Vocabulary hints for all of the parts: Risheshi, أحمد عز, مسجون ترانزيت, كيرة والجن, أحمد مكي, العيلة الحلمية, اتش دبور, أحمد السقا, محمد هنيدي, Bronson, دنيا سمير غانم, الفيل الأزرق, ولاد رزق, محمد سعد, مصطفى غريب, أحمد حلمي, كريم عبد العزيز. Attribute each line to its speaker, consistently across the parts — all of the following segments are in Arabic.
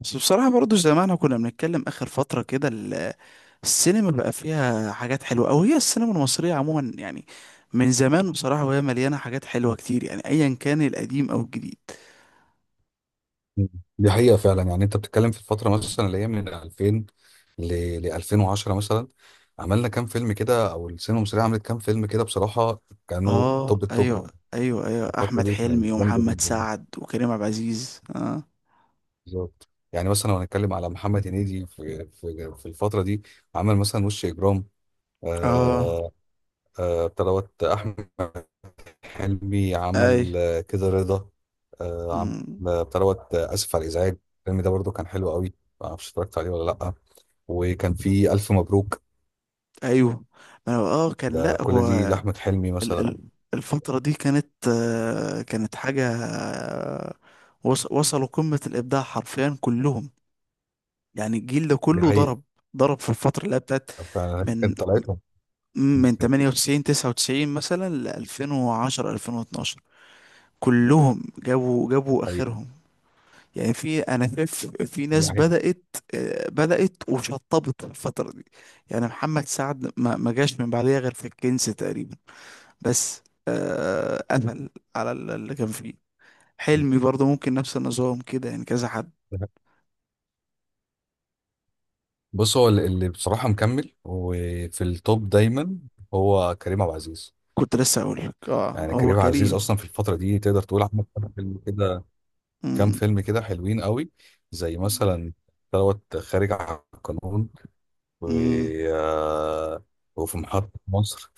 Speaker 1: بس بصراحة برضو زي ما احنا كنا بنتكلم آخر فترة كده السينما بقى فيها حاجات حلوة أو هي السينما المصرية عموما يعني من زمان بصراحة، وهي مليانة حاجات حلوة كتير يعني أيا كان القديم أو الجديد.
Speaker 2: مم. دي حقيقة فعلا يعني انت بتتكلم في الفترة مثلا اللي هي من 2000 ل ل 2010 مثلا. عملنا كام فيلم كده، او السينما المصرية عملت كام فيلم كده بصراحة. كانوا
Speaker 1: اه
Speaker 2: توب التوب.
Speaker 1: أيوه أيوه أيوه،
Speaker 2: الفترة
Speaker 1: أحمد
Speaker 2: دي كانت
Speaker 1: حلمي
Speaker 2: جامدة
Speaker 1: ومحمد
Speaker 2: جدا.
Speaker 1: سعد وكريم عبد العزيز
Speaker 2: بالظبط، يعني مثلا لو هنتكلم على محمد هنيدي في الفترة دي، عمل مثلا وش إجرام.
Speaker 1: اه
Speaker 2: آه بتاع دوت. أحمد حلمي
Speaker 1: أي.
Speaker 2: عمل كده رضا. عمل
Speaker 1: مم.
Speaker 2: بتاع دوت آسف على الإزعاج. الفيلم ده برضو كان حلو قوي. معرفش اتفرجت عليه ولا لأ. وكان في ألف مبروك.
Speaker 1: أيوه. ما هو- كان،
Speaker 2: ده
Speaker 1: لأ
Speaker 2: كل
Speaker 1: هو
Speaker 2: دي لأحمد حلمي
Speaker 1: ال
Speaker 2: مثلا.
Speaker 1: ال الفترة دي كانت كانت حاجة وصلوا قمة الإبداع حرفيا كلهم. يعني الجيل ده
Speaker 2: دي
Speaker 1: كله
Speaker 2: حقيقة.
Speaker 1: ضرب. ضرب في الفترة اللي هي بتاعت
Speaker 2: فأنا
Speaker 1: من
Speaker 2: كانت طلعتهم. دي
Speaker 1: من
Speaker 2: حقيقة.
Speaker 1: 98 99 مثلا ل 2010 2012. كلهم جابوا اخرهم. يعني في، انا شايف في
Speaker 2: دي
Speaker 1: ناس
Speaker 2: حقيقة.
Speaker 1: بدأت بدأت وشطبت في الفترة دي. يعني محمد سعد ما جاش من بعديها غير في الكنز تقريبا بس. قفل على اللي كان فيه.
Speaker 2: دي
Speaker 1: حلمي برضه ممكن نفس النظام كده يعني كذا حد.
Speaker 2: حقيقة. بص، هو اللي بصراحة مكمل وفي التوب دايما هو كريم عبد العزيز.
Speaker 1: كنت لسه اقول لك
Speaker 2: يعني
Speaker 1: هو
Speaker 2: كريم عبد العزيز
Speaker 1: كريم.
Speaker 2: أصلا في الفترة دي تقدر تقول عمل كام فيلم كده، كام فيلم كده حلوين قوي، زي مثلا دوت خارج عن القانون. و
Speaker 1: امم
Speaker 2: آه، وفي محطة مصر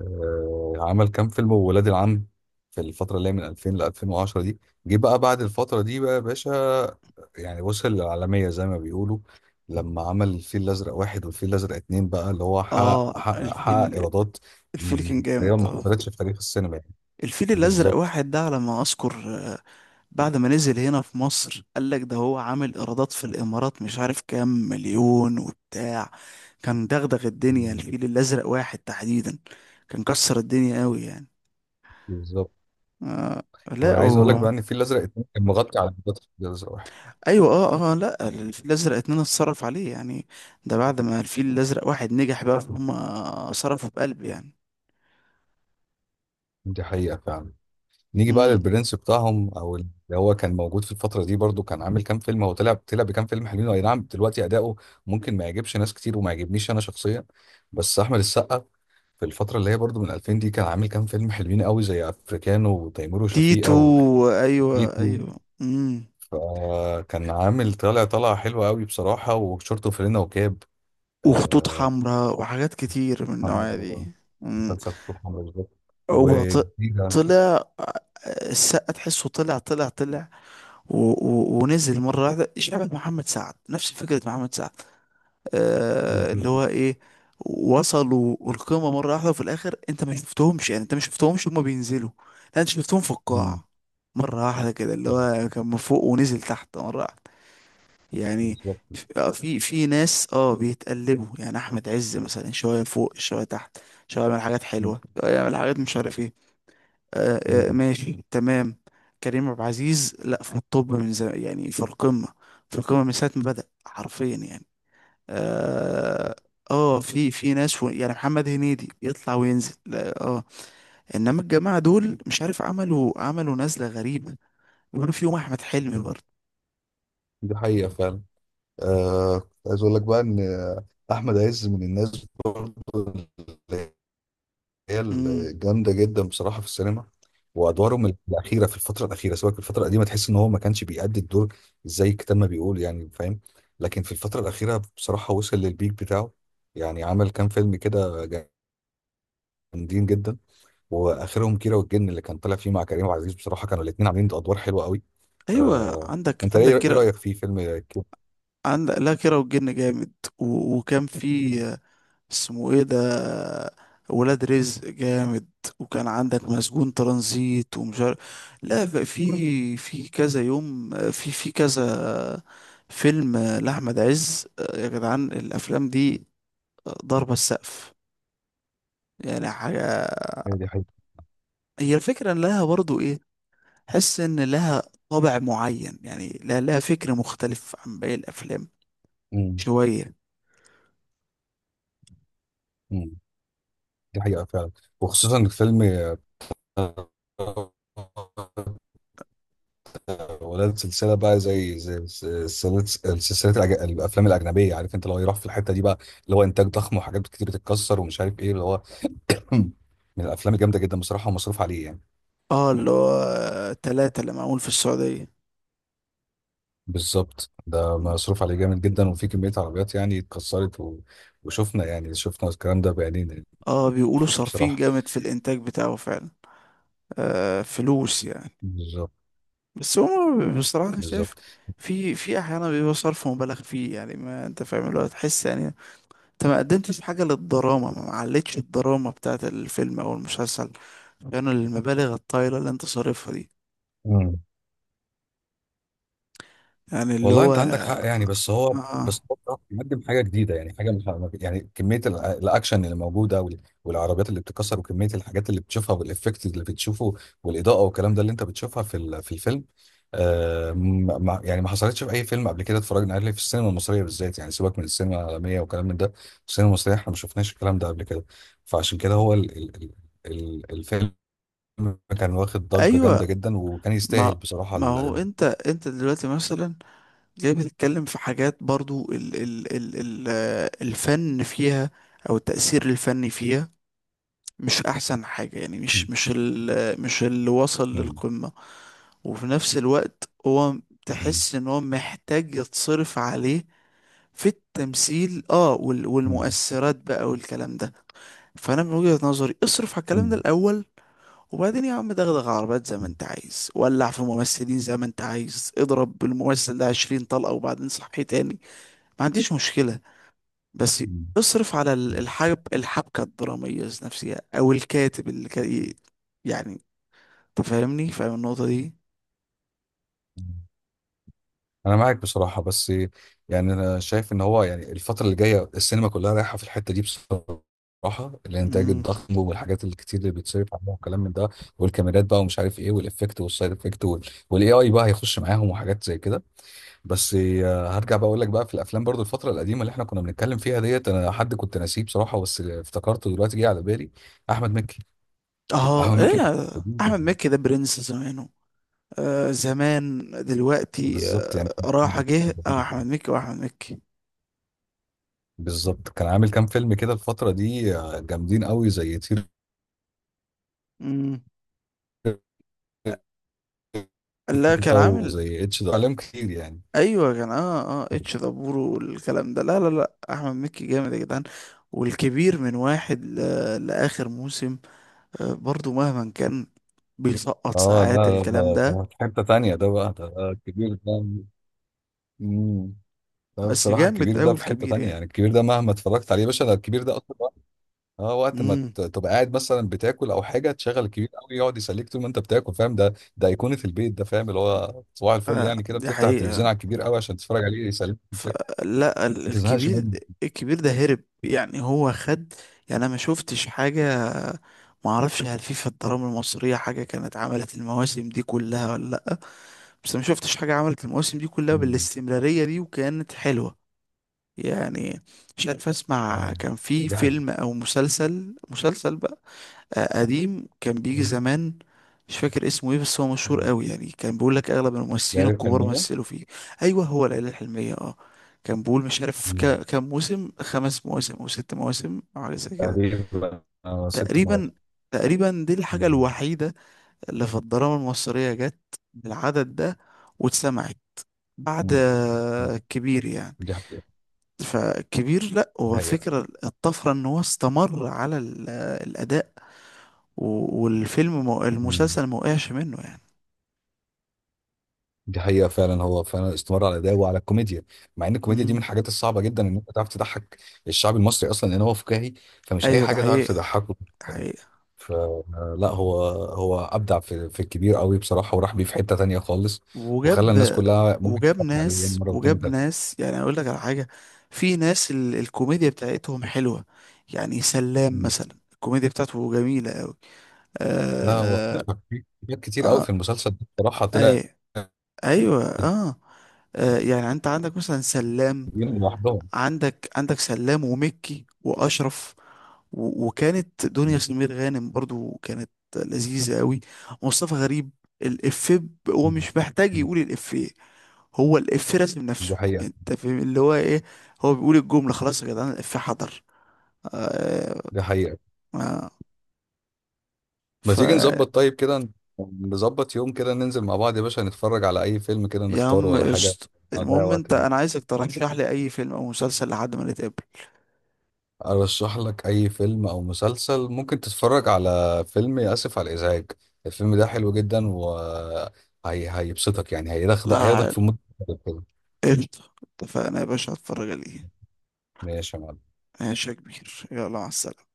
Speaker 2: عمل كام فيلم، وولاد العم، في الفترة اللي هي من 2000 ل 2010 دي. جه بقى بعد الفترة دي بقى يا باشا. يعني وصل للعالمية زي ما بيقولوا لما عمل الفيل الأزرق واحد والفيل الأزرق اتنين، بقى اللي هو حقق
Speaker 1: اه
Speaker 2: حقق حقق
Speaker 1: الفيل
Speaker 2: إيرادات
Speaker 1: الفيل
Speaker 2: مم،
Speaker 1: كان
Speaker 2: تقريبا
Speaker 1: جامد
Speaker 2: ما حصلتش في تاريخ السينما، يعني
Speaker 1: الفيل الازرق
Speaker 2: بالظبط.
Speaker 1: واحد ده على ما اذكر، بعد ما نزل هنا في مصر قال لك ده هو عامل ايرادات في الامارات مش عارف كام مليون وبتاع. كان دغدغ الدنيا
Speaker 2: مم.
Speaker 1: الفيل الازرق واحد تحديدا. كان كسر الدنيا قوي يعني.
Speaker 2: بالظبط.
Speaker 1: آه
Speaker 2: طب
Speaker 1: لا
Speaker 2: أنا عايز أقول لك بقى إن الفيل الأزرق اتنين كان مغطي على إيرادات الفيل الأزرق واحد.
Speaker 1: ايوه لا، الفيل الازرق اتنين اتصرف عليه يعني. ده بعد ما الفيل الازرق واحد نجح بقى، فهم، صرفوا بقلب
Speaker 2: دي حقيقة فعلا. نيجي بقى
Speaker 1: يعني.
Speaker 2: للبرنس بتاعهم، او اللي هو كان موجود في الفتره دي برضو، كان عامل كام فيلم. هو طلع بكام فيلم حلوين، اي نعم دلوقتي اداؤه ممكن ما يعجبش ناس كتير وما يعجبنيش انا شخصيا، بس احمد السقا في الفتره اللي هي برضو من 2000 دي كان عامل كام فيلم حلوين قوي زي افريكانو وتيمور
Speaker 1: تيتو.
Speaker 2: وشفيقه
Speaker 1: ايوه
Speaker 2: وتيتو.
Speaker 1: ايوه.
Speaker 2: فكان عامل طالع طلعه حلوه قوي بصراحه، وشورت وفانلة وكاب
Speaker 1: وخطوط
Speaker 2: آه،
Speaker 1: حمراء وحاجات كتير من النوعية دي.
Speaker 2: حمرا،
Speaker 1: امم
Speaker 2: مسلسل خطوط حمرا بالظبط،
Speaker 1: هو ط-
Speaker 2: وجديده
Speaker 1: طلع، السقا تحسه طلع و و ونزل مرة واحدة شبه محمد سعد، نفس فكرة محمد سعد. اللي هو ايه، وصلوا القمة مرة واحدة وفي الآخر انت ما شفتهمش، يعني انت ما شفتهمش هما بينزلوا، لا انت شفتهم في القاع مرة واحدة كده. اللي هو كان من فوق ونزل تحت مرة واحدة يعني.
Speaker 2: بالظبط.
Speaker 1: في ناس بيتقلبوا. يعني احمد عز مثلا شويه فوق شويه تحت، شويه يعمل حاجات حلوه شويه يعمل حاجات مش عارف ايه. ماشي تمام. كريم عبد العزيز، لا، في الطب من زمان يعني، في القمه. في القمه من ساعه ما بدأ حرفيا يعني. اه في ناس يعني محمد هنيدي يطلع وينزل، لا انما الجماعه دول مش عارف عملوا نزله غريبه، بيقولوا فيهم احمد حلمي برضه.
Speaker 2: دي حقيقة فعلا. كنت عايز أقول لك بقى إن أحمد عز من الناس برضه، اللي هي
Speaker 1: امم
Speaker 2: الجامدة جدا بصراحة في السينما. وأدوارهم الأخيرة في الفترة الأخيرة، سواء في الفترة القديمة، تحس إن هو ما كانش بيأدي الدور زي الكتاب ما بيقول، يعني فاهم. لكن في الفترة الأخيرة بصراحة وصل للبيك بتاعه. يعني عمل كام فيلم كده جامدين جدا، وآخرهم كيرة والجن اللي كان طالع فيه مع كريم عبد العزيز. بصراحة كانوا الاتنين عاملين أدوار حلوة قوي.
Speaker 1: ايوه
Speaker 2: آه
Speaker 1: عندك
Speaker 2: أنت إيه
Speaker 1: عندك
Speaker 2: إيه
Speaker 1: كده.
Speaker 2: رأيك في فيلم كيرة؟
Speaker 1: عندك، لا، كيرة والجن جامد. وكان في، اسمه ايه ده، ولاد رزق جامد. وكان عندك مسجون ترانزيت ومش عارف. لا في كذا يوم، في كذا فيلم لأحمد عز يا جدعان. الأفلام دي ضربة السقف يعني حاجة.
Speaker 2: هي دي حقيقة.
Speaker 1: هي الفكرة إن لها برضو ايه، حس إن لها طابع معين يعني، لا، لها فكر مختلف عن باقي الأفلام
Speaker 2: مم.
Speaker 1: شوية.
Speaker 2: مم. دي حقيقة فعلا. وخصوصا الفيلم ولاد، سلسلة بقى زي سلسلة الأفلام الأجنبية، عارف أنت لو يروح في الحتة دي بقى، اللي هو إنتاج ضخم وحاجات كتير بتتكسر ومش عارف إيه اللي هو من الأفلام الجامدة جدا بصراحة ومصروف عليه يعني.
Speaker 1: اه اللي هو تلاتة اللي معمول في السعودية.
Speaker 2: بالظبط، ده مصروف عليه جامد جدا، وفي كمية عربيات يعني اتكسرت وشفنا، يعني شفنا الكلام ده بعينينا يعني.
Speaker 1: اه بيقولوا صارفين
Speaker 2: بصراحة.
Speaker 1: جامد في الانتاج بتاعه فعلا. فلوس يعني.
Speaker 2: بالظبط.
Speaker 1: بس هو بصراحة أنا شايف
Speaker 2: بالظبط.
Speaker 1: في احيانا بيبقى صرف مبالغ فيه يعني. ما انت فاهم اللي هو، تحس يعني انت ما قدمتش حاجة للدراما، ما علتش الدراما بتاعت الفيلم او المسلسل كانوا المبالغ الطايلة اللي انت صارفها دي. يعني اللي
Speaker 2: والله
Speaker 1: هو،
Speaker 2: انت عندك حق يعني، بس هو
Speaker 1: اه
Speaker 2: بصراحة بيقدم حاجه جديده، يعني حاجه يعني كميه الاكشن اللي موجوده والعربيات اللي بتكسر وكميه الحاجات اللي بتشوفها والافكت اللي بتشوفه والاضاءه والكلام ده اللي انت بتشوفها في الفيلم. يعني ما حصلتش في اي فيلم قبل كده اتفرجنا عليه في السينما المصريه بالذات. يعني سيبك من السينما العالميه والكلام من ده، السينما المصريه احنا ما شفناش الكلام ده قبل كده. فعشان كده هو ال الفيلم كان واخد ضجه
Speaker 1: ايوه.
Speaker 2: جامده جدا وكان
Speaker 1: ما
Speaker 2: يستاهل بصراحه
Speaker 1: ما هو انت دلوقتي مثلا جاي بتتكلم في حاجات برضو ال ال ال ال الفن فيها او التأثير الفني فيها مش احسن حاجة يعني،
Speaker 2: م-
Speaker 1: مش، مش ال مش اللي وصل
Speaker 2: م-
Speaker 1: للقمة. وفي نفس الوقت هو، تحس ان هو محتاج يتصرف عليه في التمثيل
Speaker 2: م-
Speaker 1: والمؤثرات بقى والكلام ده. فانا من وجهة نظري اصرف على الكلام ده
Speaker 2: مم.
Speaker 1: الاول، وبعدين يا عم دغدغ عربات زي ما انت عايز، ولع في ممثلين زي ما انت عايز، اضرب بالممثل ده 20 طلقة وبعدين صحيه تاني، ما عنديش مشكلة. بس
Speaker 2: مم.
Speaker 1: اصرف على
Speaker 2: مم.
Speaker 1: الحب، الحبكة الدرامية نفسها، أو الكاتب اللي كان يعني تفهمني، فاهم النقطة دي.
Speaker 2: انا معاك بصراحه، بس يعني انا شايف ان هو يعني الفتره اللي جايه السينما كلها رايحه في الحته دي بصراحه، الانتاج
Speaker 1: مم.
Speaker 2: الضخم والحاجات الكتير اللي بتصرف عليها والكلام من ده، والكاميرات بقى ومش عارف ايه، والافكت والسايد افكت والاي اي بقى هيخش معاهم وحاجات زي كده. بس هرجع بقى اقول لك بقى في الافلام برضو الفتره القديمه اللي احنا كنا بنتكلم فيها ديت، انا حد كنت ناسيه بصراحه، بس افتكرته دلوقتي، جه على بالي احمد مكي.
Speaker 1: اه
Speaker 2: احمد مكي
Speaker 1: ايه، أحمد مكي ده برنس زمانه. زمان دلوقتي
Speaker 2: بالظبط يعني.
Speaker 1: راح جه أحمد مكي، وأحمد مكي.
Speaker 2: بالظبط كان عامل كام فيلم كده الفترة دي جامدين قوي زي طير
Speaker 1: مم. لا
Speaker 2: انت
Speaker 1: كان عامل
Speaker 2: وزي اتش ده عليهم كتير يعني.
Speaker 1: أيوة كان، اتش دبور والكلام ده، لا لا لا، أحمد مكي جامد يا جدعان. والكبير من واحد لآخر موسم، برضو مهما كان بيسقط
Speaker 2: اه، لا،
Speaker 1: ساعات
Speaker 2: لا،
Speaker 1: الكلام
Speaker 2: ده
Speaker 1: ده.
Speaker 2: ده في حتة تانية. ده بقى ده الكبير ده. مم. ده
Speaker 1: بس
Speaker 2: بصراحة
Speaker 1: جامد
Speaker 2: الكبير
Speaker 1: أوي
Speaker 2: ده في حتة
Speaker 1: الكبير
Speaker 2: تانية.
Speaker 1: يعني.
Speaker 2: يعني الكبير ده مهما اتفرجت عليه يا باشا، ده الكبير ده اصلا وقت ما
Speaker 1: امم
Speaker 2: تبقى قاعد مثلا بتاكل او حاجة، تشغل الكبير قوي يقعد يسليك طول ما انت بتاكل. فاهم؟ ده ايقونة البيت ده. فاهم اللي هو صباح الفل، يعني كده
Speaker 1: دي
Speaker 2: بتفتح التلفزيون
Speaker 1: حقيقة.
Speaker 2: على الكبير قوي عشان تتفرج عليه يسليك ما
Speaker 1: فلا
Speaker 2: تزهقش
Speaker 1: الكبير،
Speaker 2: منه.
Speaker 1: الكبير ده هرب يعني، هو خد. يعني انا ما شفتش حاجة. ما اعرفش هل في الدراما المصرية حاجة كانت عملت المواسم دي كلها ولا لا، بس ما شفتش حاجة عملت المواسم دي كلها
Speaker 2: مم.
Speaker 1: بالاستمرارية دي وكانت حلوة يعني. مش عارف اسمع،
Speaker 2: اه،
Speaker 1: كان في
Speaker 2: دي
Speaker 1: فيلم
Speaker 2: حقيقة.
Speaker 1: او مسلسل بقى قديم كان بيجي
Speaker 2: مم.
Speaker 1: زمان، مش فاكر اسمه ايه، بس هو مشهور قوي يعني، كان بيقول لك اغلب الممثلين
Speaker 2: ليالي
Speaker 1: الكبار
Speaker 2: الحلمية.
Speaker 1: مثلوا فيه. ايوه، هو العيله الحلميه كان بيقول مش عارف
Speaker 2: مم.
Speaker 1: كام موسم، 5 مواسم او 6 مواسم او حاجه زي كده.
Speaker 2: تقريبا ست
Speaker 1: تقريبا.
Speaker 2: مواسم
Speaker 1: تقريبا دي الحاجه
Speaker 2: مم.
Speaker 1: الوحيده اللي في الدراما المصريه جت بالعدد ده واتسمعت بعد،
Speaker 2: مم. مم.
Speaker 1: كبير يعني.
Speaker 2: دي حقيقة.
Speaker 1: فكبير لا،
Speaker 2: دي
Speaker 1: هو
Speaker 2: حقيقة.
Speaker 1: فكرة الطفرة ان هو استمر على الاداء،
Speaker 2: مم.
Speaker 1: المسلسل ما وقعش منه يعني.
Speaker 2: دي حقيقة فعلا. هو فعلا استمر على الأداء وعلى الكوميديا، مع إن الكوميديا دي من
Speaker 1: امم
Speaker 2: الحاجات الصعبة جدا إن أنت تعرف تضحك الشعب المصري أصلا لأن هو فكاهي. فمش أي
Speaker 1: ايوه ده
Speaker 2: حاجة تعرف
Speaker 1: حقيقة.
Speaker 2: تضحكه.
Speaker 1: ده حقيقة.
Speaker 2: فلا هو أبدع في الكبير قوي بصراحة، وراح بيه في حتة تانية خالص، وخلى الناس
Speaker 1: وجاب،
Speaker 2: كلها ممكن
Speaker 1: وجاب
Speaker 2: تتفرج عليه يعني
Speaker 1: ناس،
Speaker 2: مرة واتنين
Speaker 1: وجاب ناس يعني. اقول لك على حاجة، في ناس الكوميديا بتاعتهم حلوة يعني، سلام
Speaker 2: وتلاتة.
Speaker 1: مثلا الكوميديا بتاعته جميلة قوي.
Speaker 2: لا هو
Speaker 1: آه...
Speaker 2: اختلف في حاجات
Speaker 1: آه...
Speaker 2: كتير قوي في
Speaker 1: آه...
Speaker 2: المسلسل ده بصراحة، طلع
Speaker 1: أي- ايوه يعني انت عندك مثلا سلام.
Speaker 2: دين لوحدهم.
Speaker 1: عندك سلام ومكي واشرف، وكانت دنيا سمير غانم برضو كانت لذيذة قوي. مصطفى غريب، الإفيه هو
Speaker 2: مم.
Speaker 1: مش محتاج يقول الإفيه، هو الإفيه راسم نفسه.
Speaker 2: دي حقيقة.
Speaker 1: انت فاهم اللي هو ايه، هو بيقول الجملة خلاص يا جدعان الإفيه حضر. آه
Speaker 2: دي حقيقة.
Speaker 1: آه
Speaker 2: ما
Speaker 1: ف
Speaker 2: تيجي نظبط طيب كده، نظبط يوم كده ننزل مع بعض يا باشا نتفرج على أي فيلم كده
Speaker 1: يا
Speaker 2: نختاره
Speaker 1: عم
Speaker 2: ولا حاجة
Speaker 1: قشط،
Speaker 2: نضيع
Speaker 1: المهم انت،
Speaker 2: وقت
Speaker 1: انا
Speaker 2: بيه.
Speaker 1: عايزك ترشح لي اي فيلم او مسلسل لحد ما نتقابل.
Speaker 2: أرشح لك أي فيلم أو مسلسل. ممكن تتفرج على فيلم آسف على الإزعاج، الفيلم ده حلو جدا و هيبسطك، يعني هياخدك
Speaker 1: لا
Speaker 2: هياخدك في
Speaker 1: حل.
Speaker 2: مود مختلف كده.
Speaker 1: قشطة اتفقنا يا باشا، هتفرج عليه.
Speaker 2: ماشي يا معلم.
Speaker 1: ماشي يا كبير، يلا مع السلامة.